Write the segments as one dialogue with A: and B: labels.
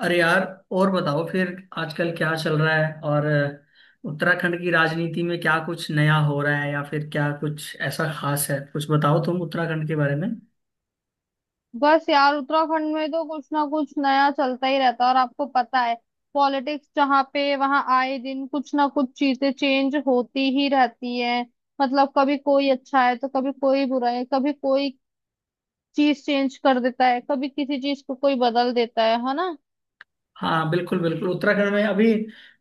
A: अरे यार। और बताओ फिर। आजकल क्या चल रहा है और उत्तराखंड की राजनीति में क्या कुछ नया हो रहा है या फिर क्या कुछ ऐसा खास है? कुछ बताओ तुम उत्तराखंड के बारे में।
B: बस यार उत्तराखंड में तो कुछ ना कुछ नया चलता ही रहता है। और आपको पता है पॉलिटिक्स जहाँ पे वहाँ आए दिन कुछ ना कुछ चीजें चेंज होती ही रहती है। कभी कोई अच्छा है तो कभी कोई बुरा है, कभी कोई चीज चेंज कर देता है, कभी किसी चीज को कोई बदल देता है ना।
A: हाँ, बिल्कुल बिल्कुल। उत्तराखंड में अभी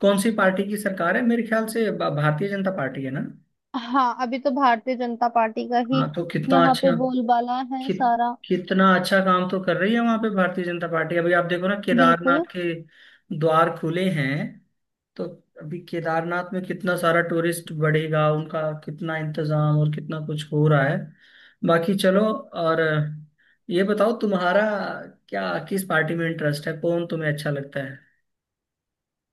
A: कौन सी पार्टी की सरकार है? मेरे ख्याल से भारतीय जनता पार्टी है ना।
B: हाँ, अभी तो भारतीय जनता पार्टी का ही
A: हाँ, तो कितना
B: यहाँ पे
A: अच्छा।
B: बोलबाला है
A: कित,
B: सारा।
A: कितना अच्छा काम तो कर रही है वहां पे भारतीय जनता पार्टी। अभी आप देखो ना, केदारनाथ
B: बिल्कुल,
A: के द्वार खुले हैं। तो अभी केदारनाथ में कितना सारा टूरिस्ट बढ़ेगा, उनका कितना इंतजाम और कितना कुछ हो रहा है। बाकी चलो, और ये बताओ तुम्हारा क्या, किस पार्टी में इंटरेस्ट है, कौन तुम्हें अच्छा लगता।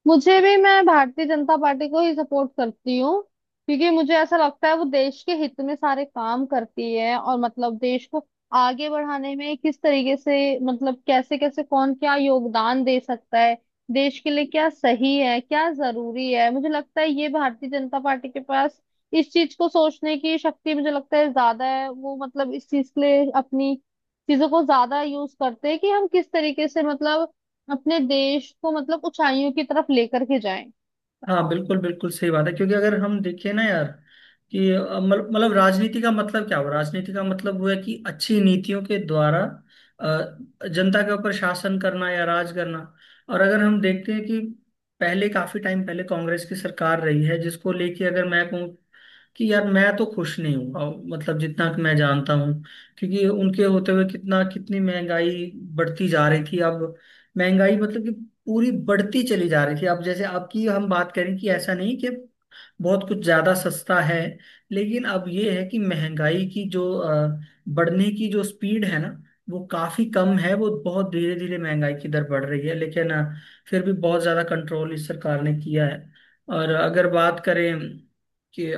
B: मुझे भी, मैं भारतीय जनता पार्टी को ही सपोर्ट करती हूँ। क्योंकि मुझे ऐसा लगता है वो देश के हित में सारे काम करती है। और देश को आगे बढ़ाने में किस तरीके से, कैसे कैसे कौन क्या योगदान दे सकता है, देश के लिए क्या सही है क्या जरूरी है, मुझे लगता है ये भारतीय जनता पार्टी के पास इस चीज को सोचने की शक्ति मुझे लगता है ज्यादा है। वो इस चीज के लिए अपनी चीजों को ज्यादा यूज करते हैं कि हम किस तरीके से अपने देश को ऊंचाइयों की तरफ लेकर के जाएं।
A: हाँ, बिल्कुल बिल्कुल सही बात है। क्योंकि अगर हम देखें ना यार कि मतलब राजनीति का मतलब क्या हुआ? राजनीति का मतलब हुआ कि अच्छी नीतियों के द्वारा अ, जनता के ऊपर शासन करना या राज करना। और अगर हम देखते हैं कि पहले काफी टाइम पहले कांग्रेस की सरकार रही है, जिसको लेके अगर मैं कहूँ कि यार मैं तो खुश नहीं हूँ अब, मतलब जितना कि मैं जानता हूँ। क्योंकि उनके होते हुए कितना, कितनी महंगाई बढ़ती जा रही थी। अब महंगाई मतलब कि पूरी बढ़ती चली जा रही थी। अब जैसे आपकी, हम बात करें कि ऐसा नहीं कि बहुत कुछ ज्यादा सस्ता है, लेकिन अब ये है कि महंगाई की जो बढ़ने की जो स्पीड है ना, वो काफी कम है। वो बहुत धीरे धीरे महंगाई की दर बढ़ रही है, लेकिन फिर भी बहुत ज्यादा कंट्रोल इस सरकार ने किया है। और अगर बात करें कि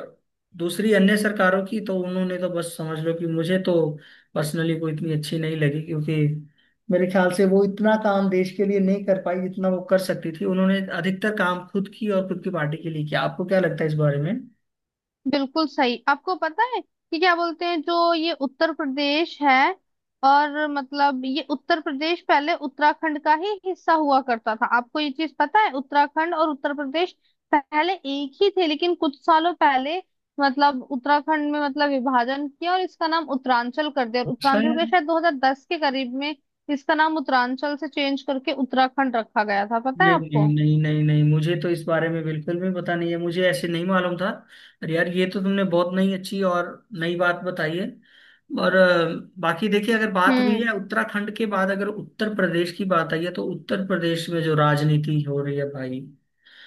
A: दूसरी अन्य सरकारों की, तो उन्होंने तो बस समझ लो कि मुझे तो पर्सनली कोई इतनी अच्छी नहीं लगी। क्योंकि मेरे ख्याल से वो इतना काम देश के लिए नहीं कर पाई जितना वो कर सकती थी। उन्होंने अधिकतर काम खुद की और खुद की पार्टी के लिए किया। आपको क्या लगता है इस बारे में?
B: बिल्कुल सही। आपको पता है कि क्या बोलते हैं जो ये उत्तर प्रदेश है, और ये उत्तर प्रदेश पहले उत्तराखंड का ही हिस्सा हुआ करता था। आपको ये चीज पता है उत्तराखंड और उत्तर प्रदेश पहले एक ही थे, लेकिन कुछ सालों पहले उत्तराखंड में विभाजन किया और इसका नाम उत्तरांचल कर दिया। और उत्तरांचल का
A: शायद।
B: शायद 2010 के करीब में इसका नाम उत्तरांचल से चेंज करके उत्तराखंड रखा गया था, पता है
A: नहीं नहीं
B: आपको।
A: नहीं नहीं नहीं, मुझे तो इस बारे में बिल्कुल भी पता नहीं है, मुझे ऐसे नहीं मालूम था। अरे यार, ये तो तुमने बहुत नई अच्छी और नई बात बताई है। और बाकी देखिए, अगर बात हुई
B: हम्म,
A: है उत्तराखंड के बाद, अगर उत्तर प्रदेश की बात आई है, तो उत्तर प्रदेश में जो राजनीति हो रही है भाई,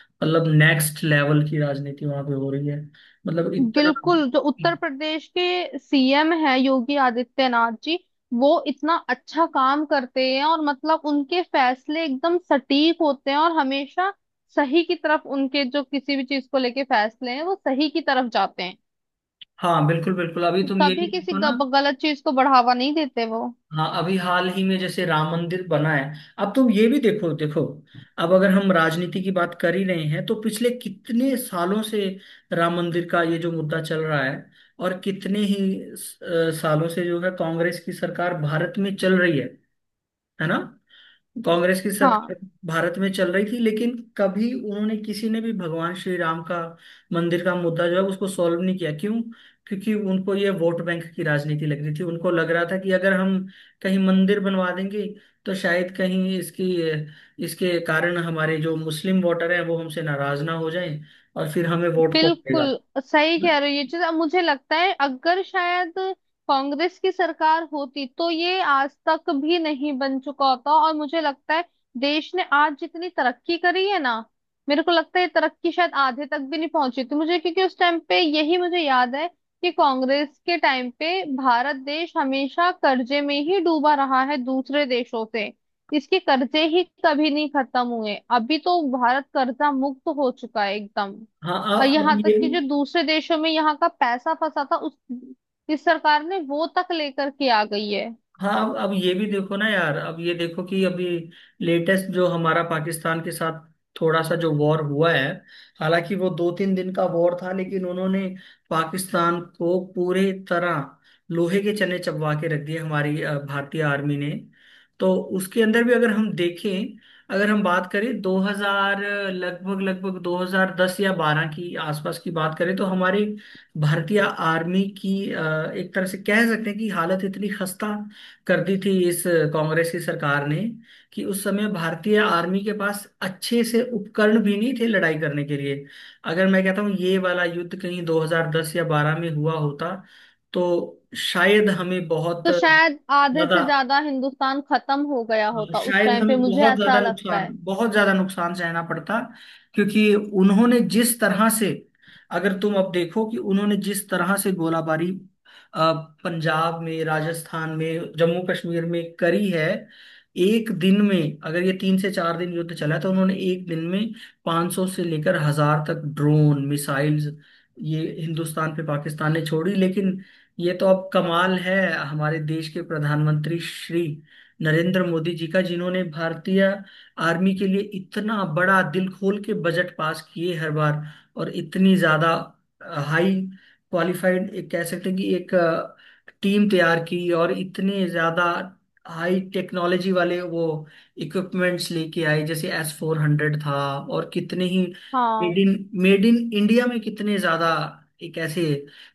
A: मतलब नेक्स्ट लेवल की राजनीति वहां पे हो रही है। मतलब इतना।
B: बिल्कुल। जो उत्तर प्रदेश के सीएम है, योगी आदित्यनाथ जी, वो इतना अच्छा काम करते हैं। और उनके फैसले एकदम सटीक होते हैं और हमेशा सही की तरफ, उनके जो किसी भी चीज को लेके फैसले हैं वो सही की तरफ जाते हैं।
A: हाँ बिल्कुल बिल्कुल। अभी तुम ये भी
B: कभी किसी
A: देखो ना।
B: गलत चीज को बढ़ावा नहीं देते वो।
A: हाँ, अभी हाल ही में जैसे राम मंदिर बना है। अब तुम ये भी देखो, देखो, अब अगर हम राजनीति की बात कर ही रहे हैं, तो पिछले कितने सालों से राम मंदिर का ये जो मुद्दा चल रहा है। और कितने ही सालों से जो है कांग्रेस की सरकार भारत में चल रही है ना? कांग्रेस की
B: हाँ,
A: सरकार भारत में चल रही थी, लेकिन कभी उन्होंने, किसी ने भी, भगवान श्री राम का मंदिर का मुद्दा जो है उसको सॉल्व नहीं किया। क्यों? क्योंकि उनको ये वोट बैंक की राजनीति लग रही थी। उनको लग रहा था कि अगर हम कहीं मंदिर बनवा देंगे, तो शायद कहीं इसकी, इसके कारण हमारे जो मुस्लिम वोटर हैं वो हमसे नाराज ना हो जाएं, और फिर हमें वोट कौन देगा?
B: बिल्कुल सही कह रहे हो। ये चीज अब मुझे लगता है अगर शायद कांग्रेस की सरकार होती तो ये आज तक भी नहीं बन चुका होता। और मुझे लगता है देश ने आज जितनी तरक्की करी है ना, मेरे को लगता है ये तरक्की शायद आधे तक भी नहीं पहुंची थी, मुझे क्योंकि उस टाइम पे यही मुझे याद है कि कांग्रेस के टाइम पे भारत देश हमेशा कर्जे में ही डूबा रहा है दूसरे देशों से। इसके कर्जे ही कभी नहीं खत्म हुए। अभी तो भारत कर्जा मुक्त हो चुका है एकदम।
A: हाँ।
B: और
A: अब
B: यहाँ
A: ये।
B: तक कि जो दूसरे देशों में यहाँ का पैसा फंसा था उस, इस सरकार ने वो तक लेकर के आ गई है।
A: हाँ, अब ये भी देखो ना यार, अब ये देखो कि अभी लेटेस्ट जो हमारा पाकिस्तान के साथ थोड़ा सा जो वॉर हुआ है, हालांकि वो दो तीन दिन का वॉर था, लेकिन उन्होंने पाकिस्तान को पूरे तरह लोहे के चने चबवा के रख दिए हमारी भारतीय आर्मी ने। तो उसके अंदर भी अगर हम देखें, अगर हम बात करें 2000, लगभग लगभग 2010 या 12 की आसपास की बात करें, तो हमारी भारतीय आर्मी की एक तरह से कह सकते हैं कि हालत इतनी खस्ता कर दी थी इस कांग्रेस की सरकार ने कि उस समय भारतीय आर्मी के पास अच्छे से उपकरण भी नहीं थे लड़ाई करने के लिए। अगर मैं कहता हूँ ये वाला युद्ध कहीं 2010 या 12 में हुआ होता, तो शायद हमें बहुत
B: तो शायद आधे
A: ज्यादा,
B: से ज्यादा हिंदुस्तान खत्म हो गया होता उस
A: शायद
B: टाइम
A: हमें
B: पे, मुझे
A: बहुत ज्यादा
B: ऐसा लगता
A: नुकसान,
B: है।
A: बहुत ज्यादा नुकसान सहना पड़ता। क्योंकि उन्होंने जिस तरह से, अगर तुम अब देखो कि उन्होंने जिस तरह से गोलाबारी अ, पंजाब में, राजस्थान में, जम्मू कश्मीर में करी है, एक दिन में, अगर ये तीन से चार दिन युद्ध चला, तो उन्होंने एक दिन में 500 से लेकर हजार तक ड्रोन मिसाइल्स ये हिंदुस्तान पे पाकिस्तान ने छोड़ी। लेकिन ये तो अब कमाल है हमारे देश के प्रधानमंत्री श्री नरेंद्र मोदी जी का, जिन्होंने भारतीय आर्मी के लिए इतना बड़ा दिल खोल के बजट पास किए हर बार। और इतनी ज्यादा हाई क्वालिफाइड एक कह सकते हैं कि एक टीम तैयार की, और इतने ज्यादा हाई टेक्नोलॉजी वाले वो इक्विपमेंट्स लेके आए, जैसे S-400 था, और कितने ही मेड
B: हाँ,
A: इन मेड इन इंडिया में कितने ज्यादा एक ऐसे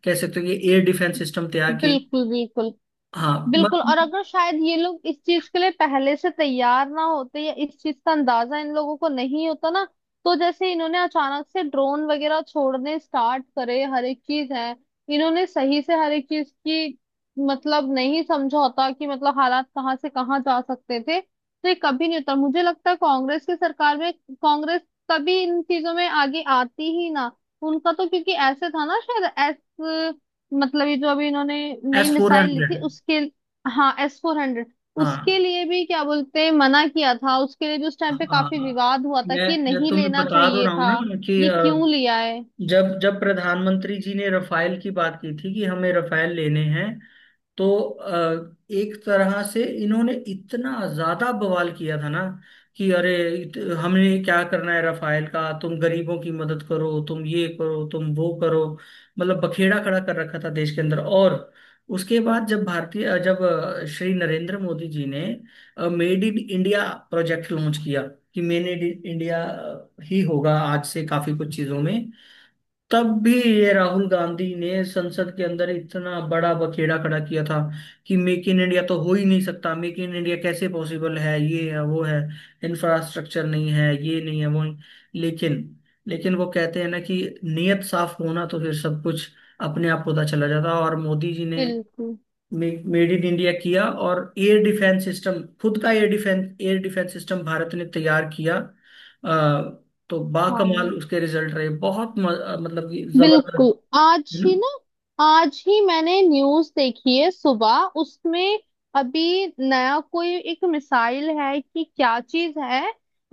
A: कह सकते हो कि एयर डिफेंस सिस्टम तैयार किए।
B: बिल्कुल बिल्कुल
A: हाँ
B: बिल्कुल।
A: मतलब।
B: और अगर शायद ये लोग इस चीज के लिए पहले से तैयार ना होते या इस चीज का अंदाजा इन लोगों को नहीं होता ना, तो जैसे इन्होंने अचानक से ड्रोन वगैरह छोड़ने स्टार्ट करे हर एक चीज है, इन्होंने सही से हर एक चीज की नहीं समझा होता कि हालात कहाँ से कहाँ जा सकते थे। तो ये कभी नहीं होता, मुझे लगता है कांग्रेस की सरकार में। कांग्रेस कभी इन चीजों में आगे आती ही ना। उनका तो क्योंकि ऐसे था ना, शायद ऐस ये जो अभी इन्होंने नई
A: एस फोर
B: मिसाइल ली
A: हंड्रेड
B: थी उसके, हाँ एस फोर हंड्रेड, उसके
A: हाँ।
B: लिए भी क्या बोलते हैं, मना किया था उसके लिए भी, उस टाइम पे काफी
A: हाँ,
B: विवाद हुआ था
A: मैं
B: कि ये
A: मैं
B: नहीं
A: तुम्हें
B: लेना
A: बता दो
B: चाहिए
A: रहा हूँ
B: था,
A: ना कि
B: ये क्यों लिया है।
A: जब जब प्रधानमंत्री जी ने रफाल की बात की थी कि हमें रफाल लेने हैं, तो एक तरह से इन्होंने इतना ज्यादा बवाल किया था ना कि अरे, हमने क्या करना है रफाल का? तुम गरीबों की मदद करो, तुम ये करो, तुम वो करो। मतलब बखेड़ा खड़ा कर रखा था देश के अंदर। और उसके बाद जब भारतीय, श्री नरेंद्र मोदी जी ने made in India project launch किया कि मेड इन इंडिया ही होगा आज से काफी कुछ चीजों में, तब भी ये राहुल गांधी ने संसद के अंदर इतना बड़ा बखेड़ा खड़ा किया था कि मेक इन इंडिया तो हो ही नहीं सकता, मेक इन इंडिया कैसे पॉसिबल है, ये है वो है, इंफ्रास्ट्रक्चर नहीं है, ये नहीं है, वो नहीं। लेकिन, लेकिन वो कहते हैं ना कि नियत साफ होना तो फिर सब कुछ अपने आप होता चला जाता, और मोदी जी ने
B: बिल्कुल।
A: मेड इन इंडिया किया और एयर डिफेंस सिस्टम, खुद का एयर डिफेंस सिस्टम भारत ने तैयार किया। आ, तो बाकमाल
B: हाँ
A: उसके रिजल्ट रहे बहुत, मतलब कि
B: बिल्कुल।
A: जबरदस्त। है
B: आज
A: ना?
B: ही ना, आज ही मैंने न्यूज देखी है सुबह, उसमें अभी नया कोई एक मिसाइल है कि क्या चीज है,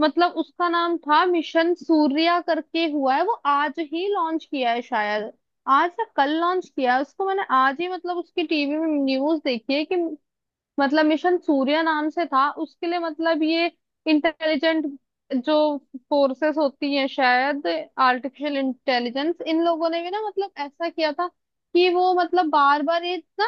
B: उसका नाम था मिशन सूर्या करके हुआ है, वो आज ही लॉन्च किया है शायद, आज या कल लॉन्च किया है उसको। मैंने आज ही उसकी टीवी में न्यूज देखी है कि मिशन सूर्य नाम से था उसके लिए। ये इंटेलिजेंट जो फोर्सेस होती हैं शायद, आर्टिफिशियल इंटेलिजेंस, इन लोगों ने भी ना ऐसा किया था कि वो बार बार ये ना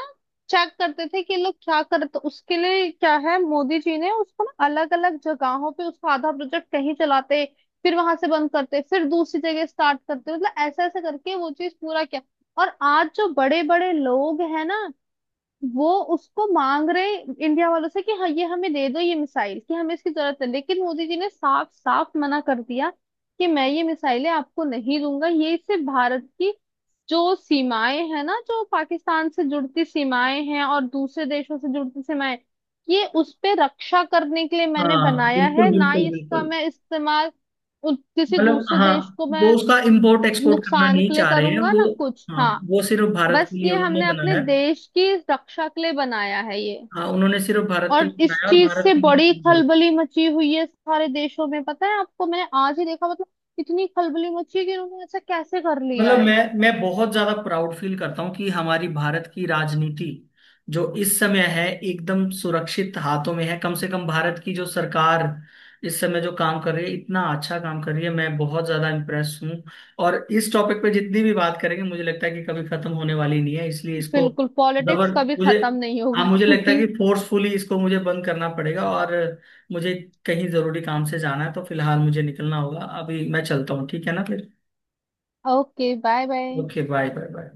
B: चेक करते थे कि ये लोग क्या करते, तो उसके लिए क्या है मोदी जी ने उसको ना अलग अलग जगहों पे उसका आधा प्रोजेक्ट कहीं चलाते, फिर वहां से बंद करते, फिर दूसरी जगह स्टार्ट करते, ऐसा ऐसा करके वो चीज पूरा किया। और आज जो बड़े बड़े लोग हैं ना, वो उसको मांग रहे इंडिया वालों से कि हाँ ये हमें दे दो ये मिसाइल, कि हमें इसकी जरूरत है। लेकिन मोदी जी ने साफ साफ मना कर दिया कि मैं ये मिसाइलें आपको नहीं दूंगा। ये, इससे भारत की जो सीमाएं हैं ना, जो पाकिस्तान से जुड़ती सीमाएं हैं और दूसरे देशों से जुड़ती सीमाएं, ये उस पे रक्षा करने के लिए मैंने
A: हाँ
B: बनाया है।
A: बिल्कुल
B: ना ही
A: बिल्कुल
B: इसका
A: बिल्कुल।
B: मैं इस्तेमाल किसी
A: मतलब,
B: दूसरे
A: हाँ,
B: देश को
A: वो
B: मैं
A: उसका इम्पोर्ट एक्सपोर्ट करना
B: नुकसान
A: नहीं
B: के लिए
A: चाह रहे हैं
B: करूंगा
A: वो।
B: ना कुछ,
A: हाँ,
B: हाँ।
A: वो सिर्फ भारत के
B: बस
A: लिए
B: ये
A: उन्होंने
B: हमने अपने
A: बनाया।
B: देश की रक्षा के लिए बनाया है ये।
A: हाँ, उन्होंने सिर्फ भारत के
B: और
A: लिए
B: इस
A: बनाया और
B: चीज
A: भारत
B: से
A: में ही
B: बड़ी
A: use होगा।
B: खलबली मची हुई है सारे देशों में, पता है आपको, मैंने आज ही देखा, इतनी खलबली मची है कि इन्होंने ऐसा कैसे कर लिया
A: मतलब
B: है।
A: मैं बहुत ज्यादा प्राउड फील करता हूँ कि हमारी भारत की राजनीति जो इस समय है एकदम सुरक्षित हाथों में है। कम से कम भारत की जो सरकार इस समय जो काम कर रही है, इतना अच्छा काम कर रही है, मैं बहुत ज्यादा इम्प्रेस हूँ। और इस टॉपिक पे जितनी भी बात करेंगे मुझे लगता है कि कभी खत्म होने वाली नहीं है, इसलिए इसको,
B: बिल्कुल,
A: जबर,
B: पॉलिटिक्स कभी
A: मुझे,
B: खत्म नहीं
A: हाँ,
B: होगा
A: मुझे लगता है
B: क्योंकि,
A: कि फोर्सफुली इसको मुझे बंद करना पड़ेगा। और मुझे कहीं जरूरी काम से जाना है तो फिलहाल मुझे निकलना होगा। अभी मैं चलता हूँ, ठीक है ना? फिर
B: okay bye bye.
A: Okay, bye bye bye.